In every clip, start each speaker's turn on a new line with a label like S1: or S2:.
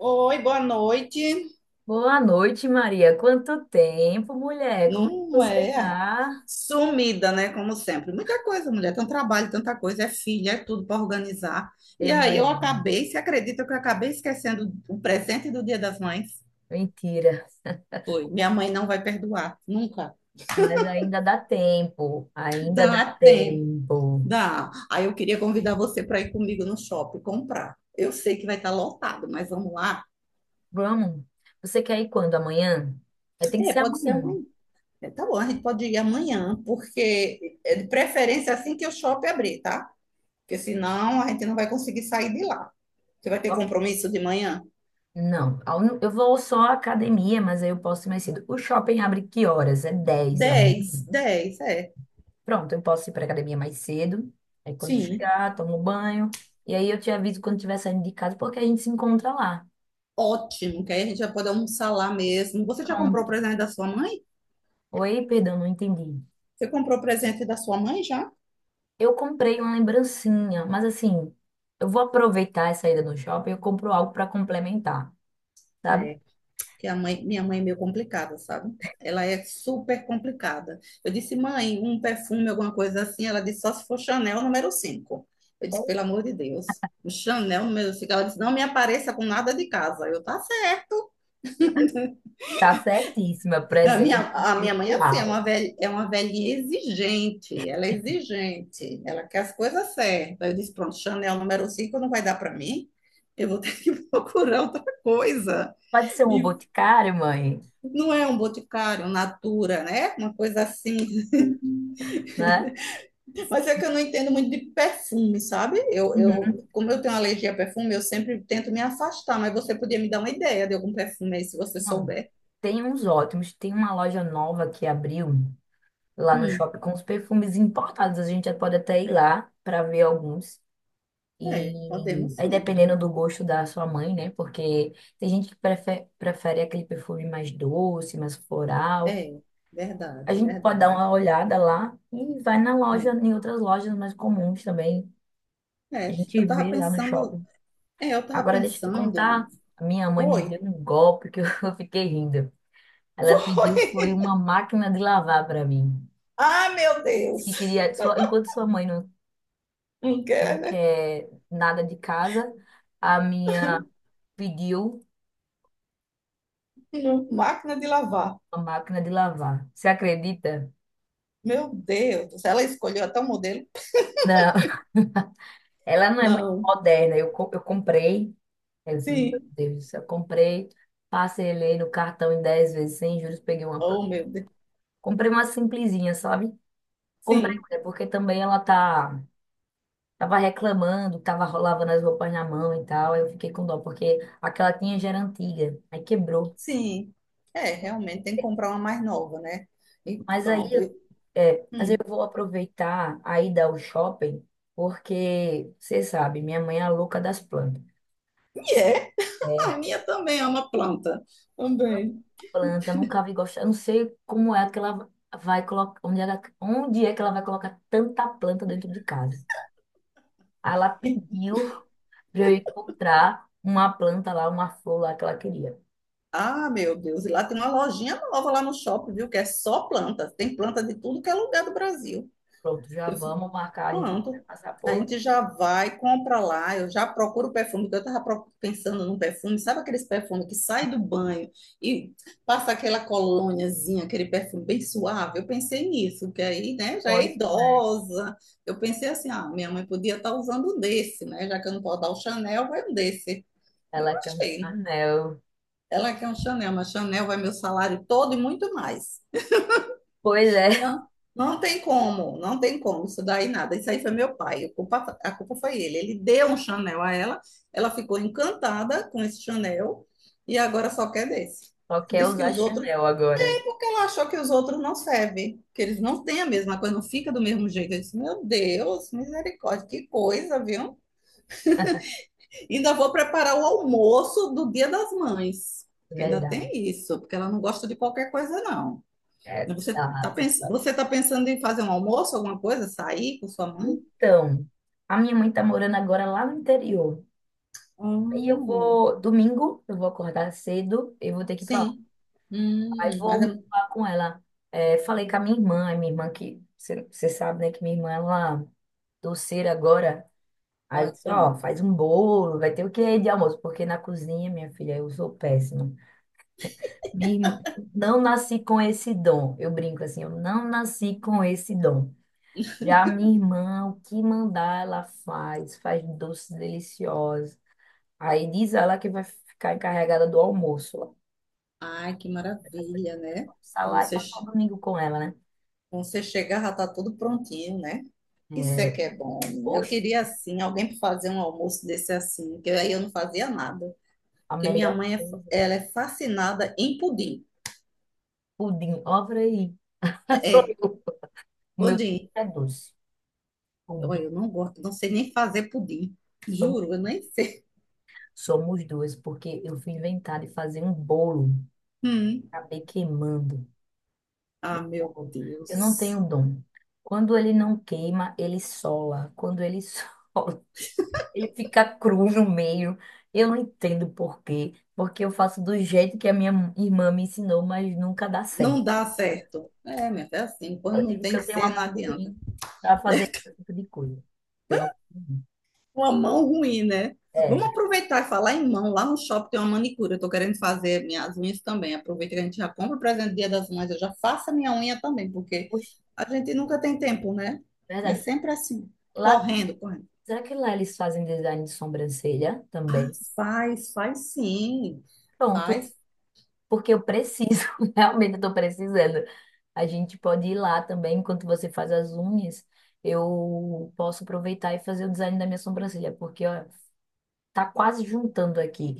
S1: Oi, boa noite.
S2: Boa noite, Maria. Quanto tempo, mulher? Como é que
S1: Não
S2: você
S1: é
S2: tá?
S1: sumida, né? Como sempre. Muita coisa, mulher. Tanto trabalho, tanta coisa. É filha, é tudo para organizar. E
S2: Eu
S1: aí eu
S2: imagino.
S1: acabei, você acredita que eu acabei esquecendo o presente do Dia das Mães?
S2: Mentira.
S1: Foi. Minha mãe não vai perdoar, nunca.
S2: Mas ainda dá tempo. Ainda
S1: Dá
S2: dá
S1: tempo,
S2: tempo.
S1: dá. Aí eu queria convidar você para ir comigo no shopping comprar. Eu sei que vai estar lotado, mas vamos lá.
S2: Vamos. Você quer ir quando? Amanhã? É, tem que
S1: É,
S2: ser
S1: pode ser
S2: amanhã.
S1: amanhã. É, tá bom, a gente pode ir amanhã, porque é de preferência assim que o shopping abrir, tá? Porque senão a gente não vai conseguir sair de lá. Você vai ter
S2: Ok.
S1: compromisso de manhã?
S2: Não. Eu vou só à academia, mas aí eu posso ir mais cedo. O shopping abre que horas? É 10 amanhã.
S1: Dez, 10 é.
S2: Pronto, eu posso ir para academia mais cedo. Aí quando
S1: Sim.
S2: chegar, tomo banho. E aí eu te aviso quando estiver saindo de casa, porque a gente se encontra lá.
S1: Ótimo, que aí a gente já pode almoçar lá mesmo. Você já comprou o
S2: Pronto.
S1: presente da sua mãe?
S2: Oi, perdão, não entendi.
S1: Você comprou o presente da sua mãe já?
S2: Eu comprei uma lembrancinha, mas assim, eu vou aproveitar essa ida no shopping e eu compro algo para complementar, sabe?
S1: É, que a mãe, minha mãe é meio complicada, sabe? Ela é super complicada. Eu disse, mãe, um perfume, alguma coisa assim. Ela disse, só se for Chanel Nº 5. Eu
S2: É.
S1: disse, pelo amor de Deus. O Chanel Nº 5. Ela disse, não me apareça com nada de casa. Eu, tá certo.
S2: Tá certíssima,
S1: A minha,
S2: presente
S1: a minha mãe, é assim, é
S2: pessoal.
S1: uma velha, é uma velhinha exigente, ela é exigente, ela quer as coisas certas. Eu disse, pronto, Chanel Nº 5 não vai dar para mim, eu vou ter que procurar outra coisa.
S2: Pode ser um
S1: Me-
S2: boticário, mãe,
S1: Não é um boticário, um Natura, né? Uma coisa assim.
S2: né?
S1: Mas é que eu não entendo muito de perfume, sabe?
S2: Uhum.
S1: Como eu tenho alergia a perfume, eu sempre tento me afastar, mas você podia me dar uma ideia de algum perfume aí, se você
S2: Não,
S1: souber.
S2: tem uns ótimos. Tem uma loja nova que abriu lá no
S1: Hum,
S2: shopping com os perfumes importados. A gente já pode até ir lá para ver alguns.
S1: é,
S2: E
S1: podemos
S2: aí,
S1: sim.
S2: dependendo do gosto da sua mãe, né? Porque tem gente que prefere aquele perfume mais doce, mais floral.
S1: É,
S2: A
S1: verdade,
S2: gente pode dar
S1: verdade.
S2: uma olhada lá e vai na loja,
S1: É.
S2: em outras lojas mais comuns também. A
S1: É,
S2: gente
S1: eu tava
S2: vê lá no
S1: pensando,
S2: shopping.
S1: é, eu tava
S2: Agora, deixa eu te
S1: pensando,
S2: contar. A minha mãe me
S1: foi,
S2: deu um golpe que eu fiquei rindo. Ela pediu, foi
S1: foi.
S2: uma máquina de lavar para mim.
S1: Ah, meu
S2: Disse
S1: Deus.
S2: que queria, enquanto sua mãe não,
S1: Não
S2: não
S1: quer, né?
S2: quer nada de casa, a minha pediu.
S1: Não. Máquina de lavar.
S2: Uma máquina de lavar. Você acredita?
S1: Meu Deus, do céu, ela escolheu até o modelo?
S2: Não, ela não é muito
S1: Não.
S2: moderna. Eu comprei, eu fiz, meu
S1: Sim.
S2: Deus do céu, eu comprei, parcelei no cartão em 10 vezes sem juros, peguei uma.
S1: Oh, meu Deus.
S2: Comprei uma simplesinha, sabe? Comprei,
S1: Sim,
S2: mulher, porque também ela tá, tava reclamando, tava lavando as roupas na mão e tal. Aí eu fiquei com dó, porque aquela tinha já era antiga, aí quebrou.
S1: sim. É, realmente tem que comprar uma mais nova, né? E
S2: Mas aí,
S1: pronto.
S2: é, mas eu
S1: Hum.
S2: vou aproveitar a ida ao shopping, porque você sabe, minha mãe é a louca das plantas.
S1: E é, a
S2: É,
S1: minha também é uma planta. Também.
S2: planta, nunca vi gostar. Eu não sei como é que ela vai colocar, onde é que ela vai colocar tanta planta dentro de casa. Aí ela pediu para eu encontrar uma planta lá, uma flor lá que ela queria.
S1: Ah, meu Deus, e lá tem uma lojinha nova lá no shopping, viu? Que é só planta. Tem planta de tudo que é lugar do Brasil.
S2: Pronto, já
S1: Eu fico,
S2: vamos marcar, a gente vai
S1: pronto.
S2: passar
S1: A
S2: por
S1: gente já vai, compra lá. Eu já procuro o perfume, porque eu estava pensando num perfume. Sabe aqueles perfumes que sai do banho e passa aquela colôniazinha, aquele perfume bem suave? Eu pensei nisso, que aí, né, já é
S2: Boris Flash.
S1: idosa. Eu pensei assim, ah, minha mãe podia estar usando um desse, né? Já que eu não posso dar o Chanel, vai um desse. Eu
S2: Ela quer um
S1: achei.
S2: Chanel.
S1: Ela quer um Chanel, mas Chanel vai meu salário todo e muito mais.
S2: Pois é,
S1: Não, não tem como, não tem como, isso daí nada. Isso aí foi meu pai, a culpa foi ele. Ele deu um Chanel a ela, ela ficou encantada com esse Chanel e agora só quer desse.
S2: só quer
S1: Diz que
S2: usar
S1: os outros,
S2: Chanel agora.
S1: ela achou que os outros não servem, que eles não têm a mesma coisa, não fica do mesmo jeito. Eu disse, meu Deus, misericórdia, que coisa, viu? Ainda vou preparar o almoço do Dia das Mães,
S2: É
S1: que ainda tem
S2: verdade.
S1: isso, porque ela não gosta de qualquer coisa, não.
S2: É,
S1: Né, você está
S2: tá.
S1: pens... você tá pensando em fazer um almoço, alguma coisa, sair com sua mãe?
S2: Então, a minha mãe tá morando agora lá no interior. Aí eu
S1: Hum,
S2: vou, domingo, eu vou acordar cedo, eu vou ter que ir pra lá.
S1: sim.
S2: Aí
S1: Mas é...
S2: vou falar com ela. É, falei com a minha irmã que, você sabe, né, que minha irmã, ela doceira agora. Aí eu
S1: Ai,
S2: disse, ó,
S1: pronto.
S2: faz um bolo, vai ter o que de almoço? Porque na cozinha, minha filha, eu sou péssima. Minha irmã, não nasci com esse dom. Eu brinco assim, eu não nasci com esse dom. Já minha irmã, o que mandar, ela faz, faz doces deliciosos. Aí diz ela que vai ficar encarregada do almoço.
S1: Ai, que
S2: Dessa minha
S1: maravilha,
S2: mãe
S1: né?
S2: almoçar
S1: Quando
S2: lá e
S1: você,
S2: passar o domingo com ela, né?
S1: quando você chegar, já tá tudo prontinho, né? Isso é
S2: É,
S1: que é bom. Né? Eu
S2: poxa,
S1: queria, assim, alguém para fazer um almoço desse assim, que aí eu não fazia nada.
S2: a
S1: Porque minha
S2: melhor
S1: mãe, é,
S2: coisa.
S1: ela é fascinada em pudim.
S2: Pudim, obra aí.
S1: É,
S2: Sou
S1: é,
S2: eu. O meu
S1: pudim.
S2: é doce.
S1: Olha,
S2: Pudim.
S1: eu não gosto, não sei nem fazer pudim.
S2: Somos,
S1: Juro, eu nem sei.
S2: somos duas, porque eu fui inventar de fazer um bolo. Acabei queimando
S1: Ah,
S2: o
S1: meu
S2: bolo. Eu não
S1: Deus.
S2: tenho dom. Quando ele não queima, ele sola. Quando ele sola, ele fica cru no meio. Eu não entendo por quê. Porque eu faço do jeito que a minha irmã me ensinou, mas nunca dá
S1: Não
S2: certo.
S1: dá certo. É, minha filha, é assim. Quando
S2: Eu
S1: não
S2: digo que
S1: tem que
S2: eu tenho uma
S1: ser, não
S2: mão
S1: adianta.
S2: ruim para fazer esse tipo de coisa. Tenho uma mão ruim.
S1: Uma mão ruim, né? Vamos
S2: É,
S1: aproveitar e falar em mão. Lá no shopping tem uma manicura. Eu tô querendo fazer minhas unhas também. Aproveita que a gente já compra o presente do Dia das Mães. Eu já faço a minha unha também, porque
S2: poxa,
S1: a gente nunca tem tempo, né? É
S2: verdade.
S1: sempre assim.
S2: Lá,
S1: Correndo, correndo.
S2: será que lá eles fazem design de sobrancelha
S1: Ah,
S2: também?
S1: faz, faz sim.
S2: Pronto,
S1: Faz,
S2: porque eu preciso, realmente eu tô precisando. A gente pode ir lá também, enquanto você faz as unhas, eu posso aproveitar e fazer o design da minha sobrancelha, porque ó, tá quase juntando aqui.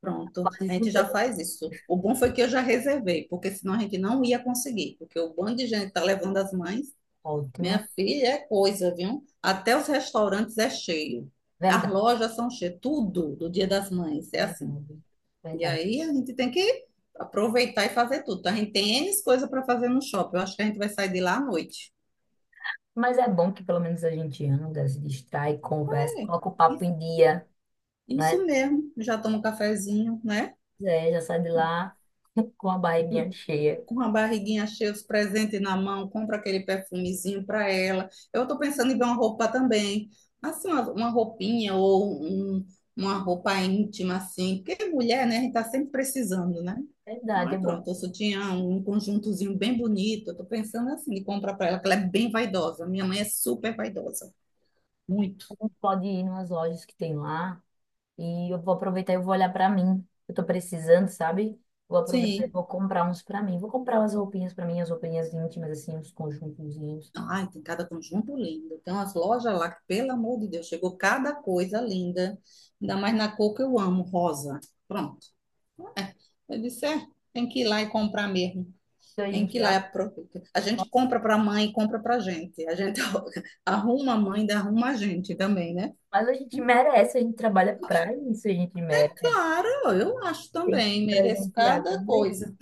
S1: pronto,
S2: Quase
S1: a gente já
S2: juntando.
S1: faz isso. O bom foi que eu já reservei, porque senão a gente não ia conseguir, porque o bando de gente tá levando as mães.
S2: Ótimo.
S1: Minha filha é coisa, viu? Até os restaurantes é cheio. As
S2: Verdade,
S1: lojas são cheias, tudo do Dia das Mães é assim.
S2: verdade,
S1: E
S2: verdade.
S1: aí a gente tem que aproveitar e fazer tudo. Então, a gente tem N coisa para fazer no shopping. Eu acho que a gente vai sair de lá à noite.
S2: Mas é bom que pelo menos a gente anda, se distrai, conversa,
S1: É,
S2: coloca o papo
S1: isso
S2: em dia, né?
S1: isso mesmo. Já toma um cafezinho, né?
S2: É, já sai de lá com a barriguinha cheia.
S1: Com a barriguinha cheia dos presentes na mão, compra aquele perfumezinho para ela. Eu estou pensando em ver uma roupa também, assim, uma roupinha ou uma roupa íntima, assim, porque mulher, né, a gente está sempre precisando, né?
S2: Verdade,
S1: Aí
S2: é bom.
S1: pronto, o sutiã, um conjuntozinho bem bonito, eu tô pensando assim, de comprar para ela, que ela é bem vaidosa, minha mãe é super vaidosa, muito.
S2: A gente pode ir nas lojas que tem lá e eu vou aproveitar e eu vou olhar pra mim. Eu tô precisando, sabe? Vou aproveitar e
S1: Sim.
S2: vou comprar uns pra mim. Vou comprar umas roupinhas pra mim, as roupinhas íntimas, assim, uns conjuntozinhos.
S1: Ai, tem cada conjunto lindo. Tem umas lojas lá que, pelo amor de Deus, chegou cada coisa linda. Ainda mais na cor que eu amo, rosa. Pronto. Eu disse, é, tem que ir lá e comprar mesmo.
S2: Então a
S1: Tem
S2: gente
S1: que ir lá e
S2: já.
S1: aproveitar. A gente
S2: Nossa,
S1: compra para a mãe, e compra para a gente. A gente arruma a mãe, e ainda arruma a gente também, né?
S2: mas a gente merece, a gente trabalha pra isso, a gente merece.
S1: Claro, eu acho
S2: Tem que
S1: também. Mereço
S2: presentear
S1: cada
S2: também.
S1: coisa.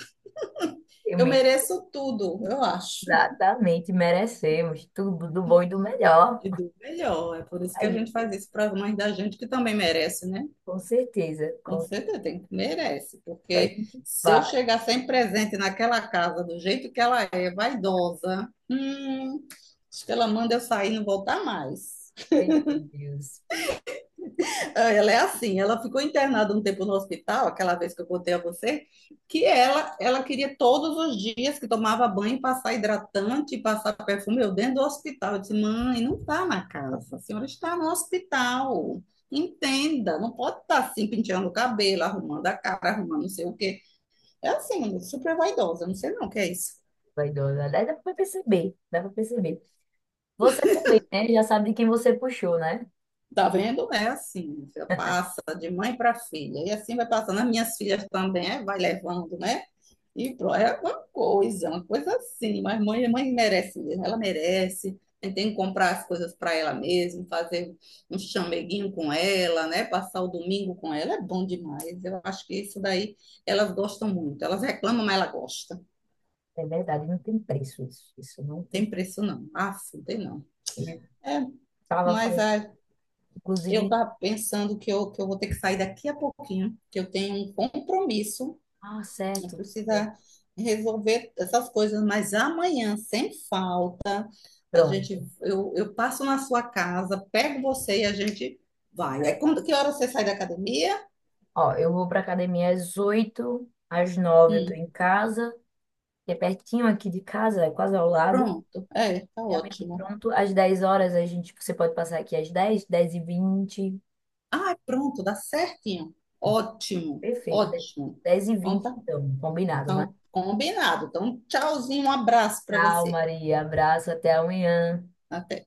S2: Eu
S1: Eu
S2: me.
S1: mereço tudo, eu acho.
S2: Exatamente, merecemos tudo do bom e do melhor.
S1: E do melhor. É por isso
S2: A
S1: que a gente
S2: gente,
S1: faz isso para as mães da gente que também merece, né?
S2: com certeza,
S1: Com
S2: com
S1: certeza,
S2: certeza.
S1: tem, que merece,
S2: A
S1: porque
S2: gente
S1: se eu
S2: vai.
S1: chegar sem presente naquela casa, do jeito que ela é, vaidosa, acho que ela manda eu sair e não voltar mais.
S2: Eita, Deus,
S1: Ah, ela é assim, ela ficou internada um tempo no hospital, aquela vez que eu contei a você, que ela queria todos os dias que tomava banho passar hidratante, passar perfume, eu dentro do hospital. Eu disse, mãe, não está na casa, a senhora está no hospital. Entenda, não pode estar assim penteando o cabelo, arrumando a cara, arrumando não sei o quê. É assim, super vaidosa, não sei não o que é isso.
S2: vaidosa. Aliás, dá pra perceber, dá pra perceber. Você também, né? Já sabe de quem você puxou, né?
S1: Tá vendo? É assim, você passa de mãe para filha, e assim vai passando. As minhas filhas também, é, vai levando, né? E pronto, é uma coisa assim, mas mãe, mãe merece mesmo, ela merece. A gente tem que comprar as coisas para ela mesmo, fazer um chameguinho com ela, né? Passar o domingo com ela, é bom demais. Eu acho que isso daí elas gostam muito. Elas reclamam, mas ela gosta.
S2: É verdade, não tem preço isso. Isso não tem.
S1: Tem preço não. Ah, não tem não.
S2: Eu
S1: É,
S2: tava
S1: mas
S2: falando,
S1: a... Eu
S2: inclusive,
S1: estava pensando que eu vou ter que sair daqui a pouquinho, que eu tenho um compromisso,
S2: ah,
S1: eu
S2: certo, tudo
S1: preciso
S2: bem.
S1: resolver essas coisas, mas amanhã, sem falta, a
S2: Pronto.
S1: gente, eu passo na sua casa, pego você e a gente vai. Aí
S2: É,
S1: quando que hora você sai da academia?
S2: ó, eu vou pra academia às 8, às 9 eu tô
S1: Hum,
S2: em casa, que é pertinho aqui de casa, é quase ao lado.
S1: pronto. É, tá
S2: Já mesmo
S1: ótimo.
S2: pronto. Às 10 horas a gente, você pode passar aqui às dez e vinte.
S1: Ah, é pronto, dá certinho. Ótimo,
S2: Perfeito.
S1: ótimo.
S2: dez e
S1: Então
S2: vinte
S1: tá,
S2: então, combinado, né?
S1: então, combinado. Então, tchauzinho, um abraço para
S2: Tchau,
S1: você.
S2: Maria. Abraço, até amanhã.
S1: Até.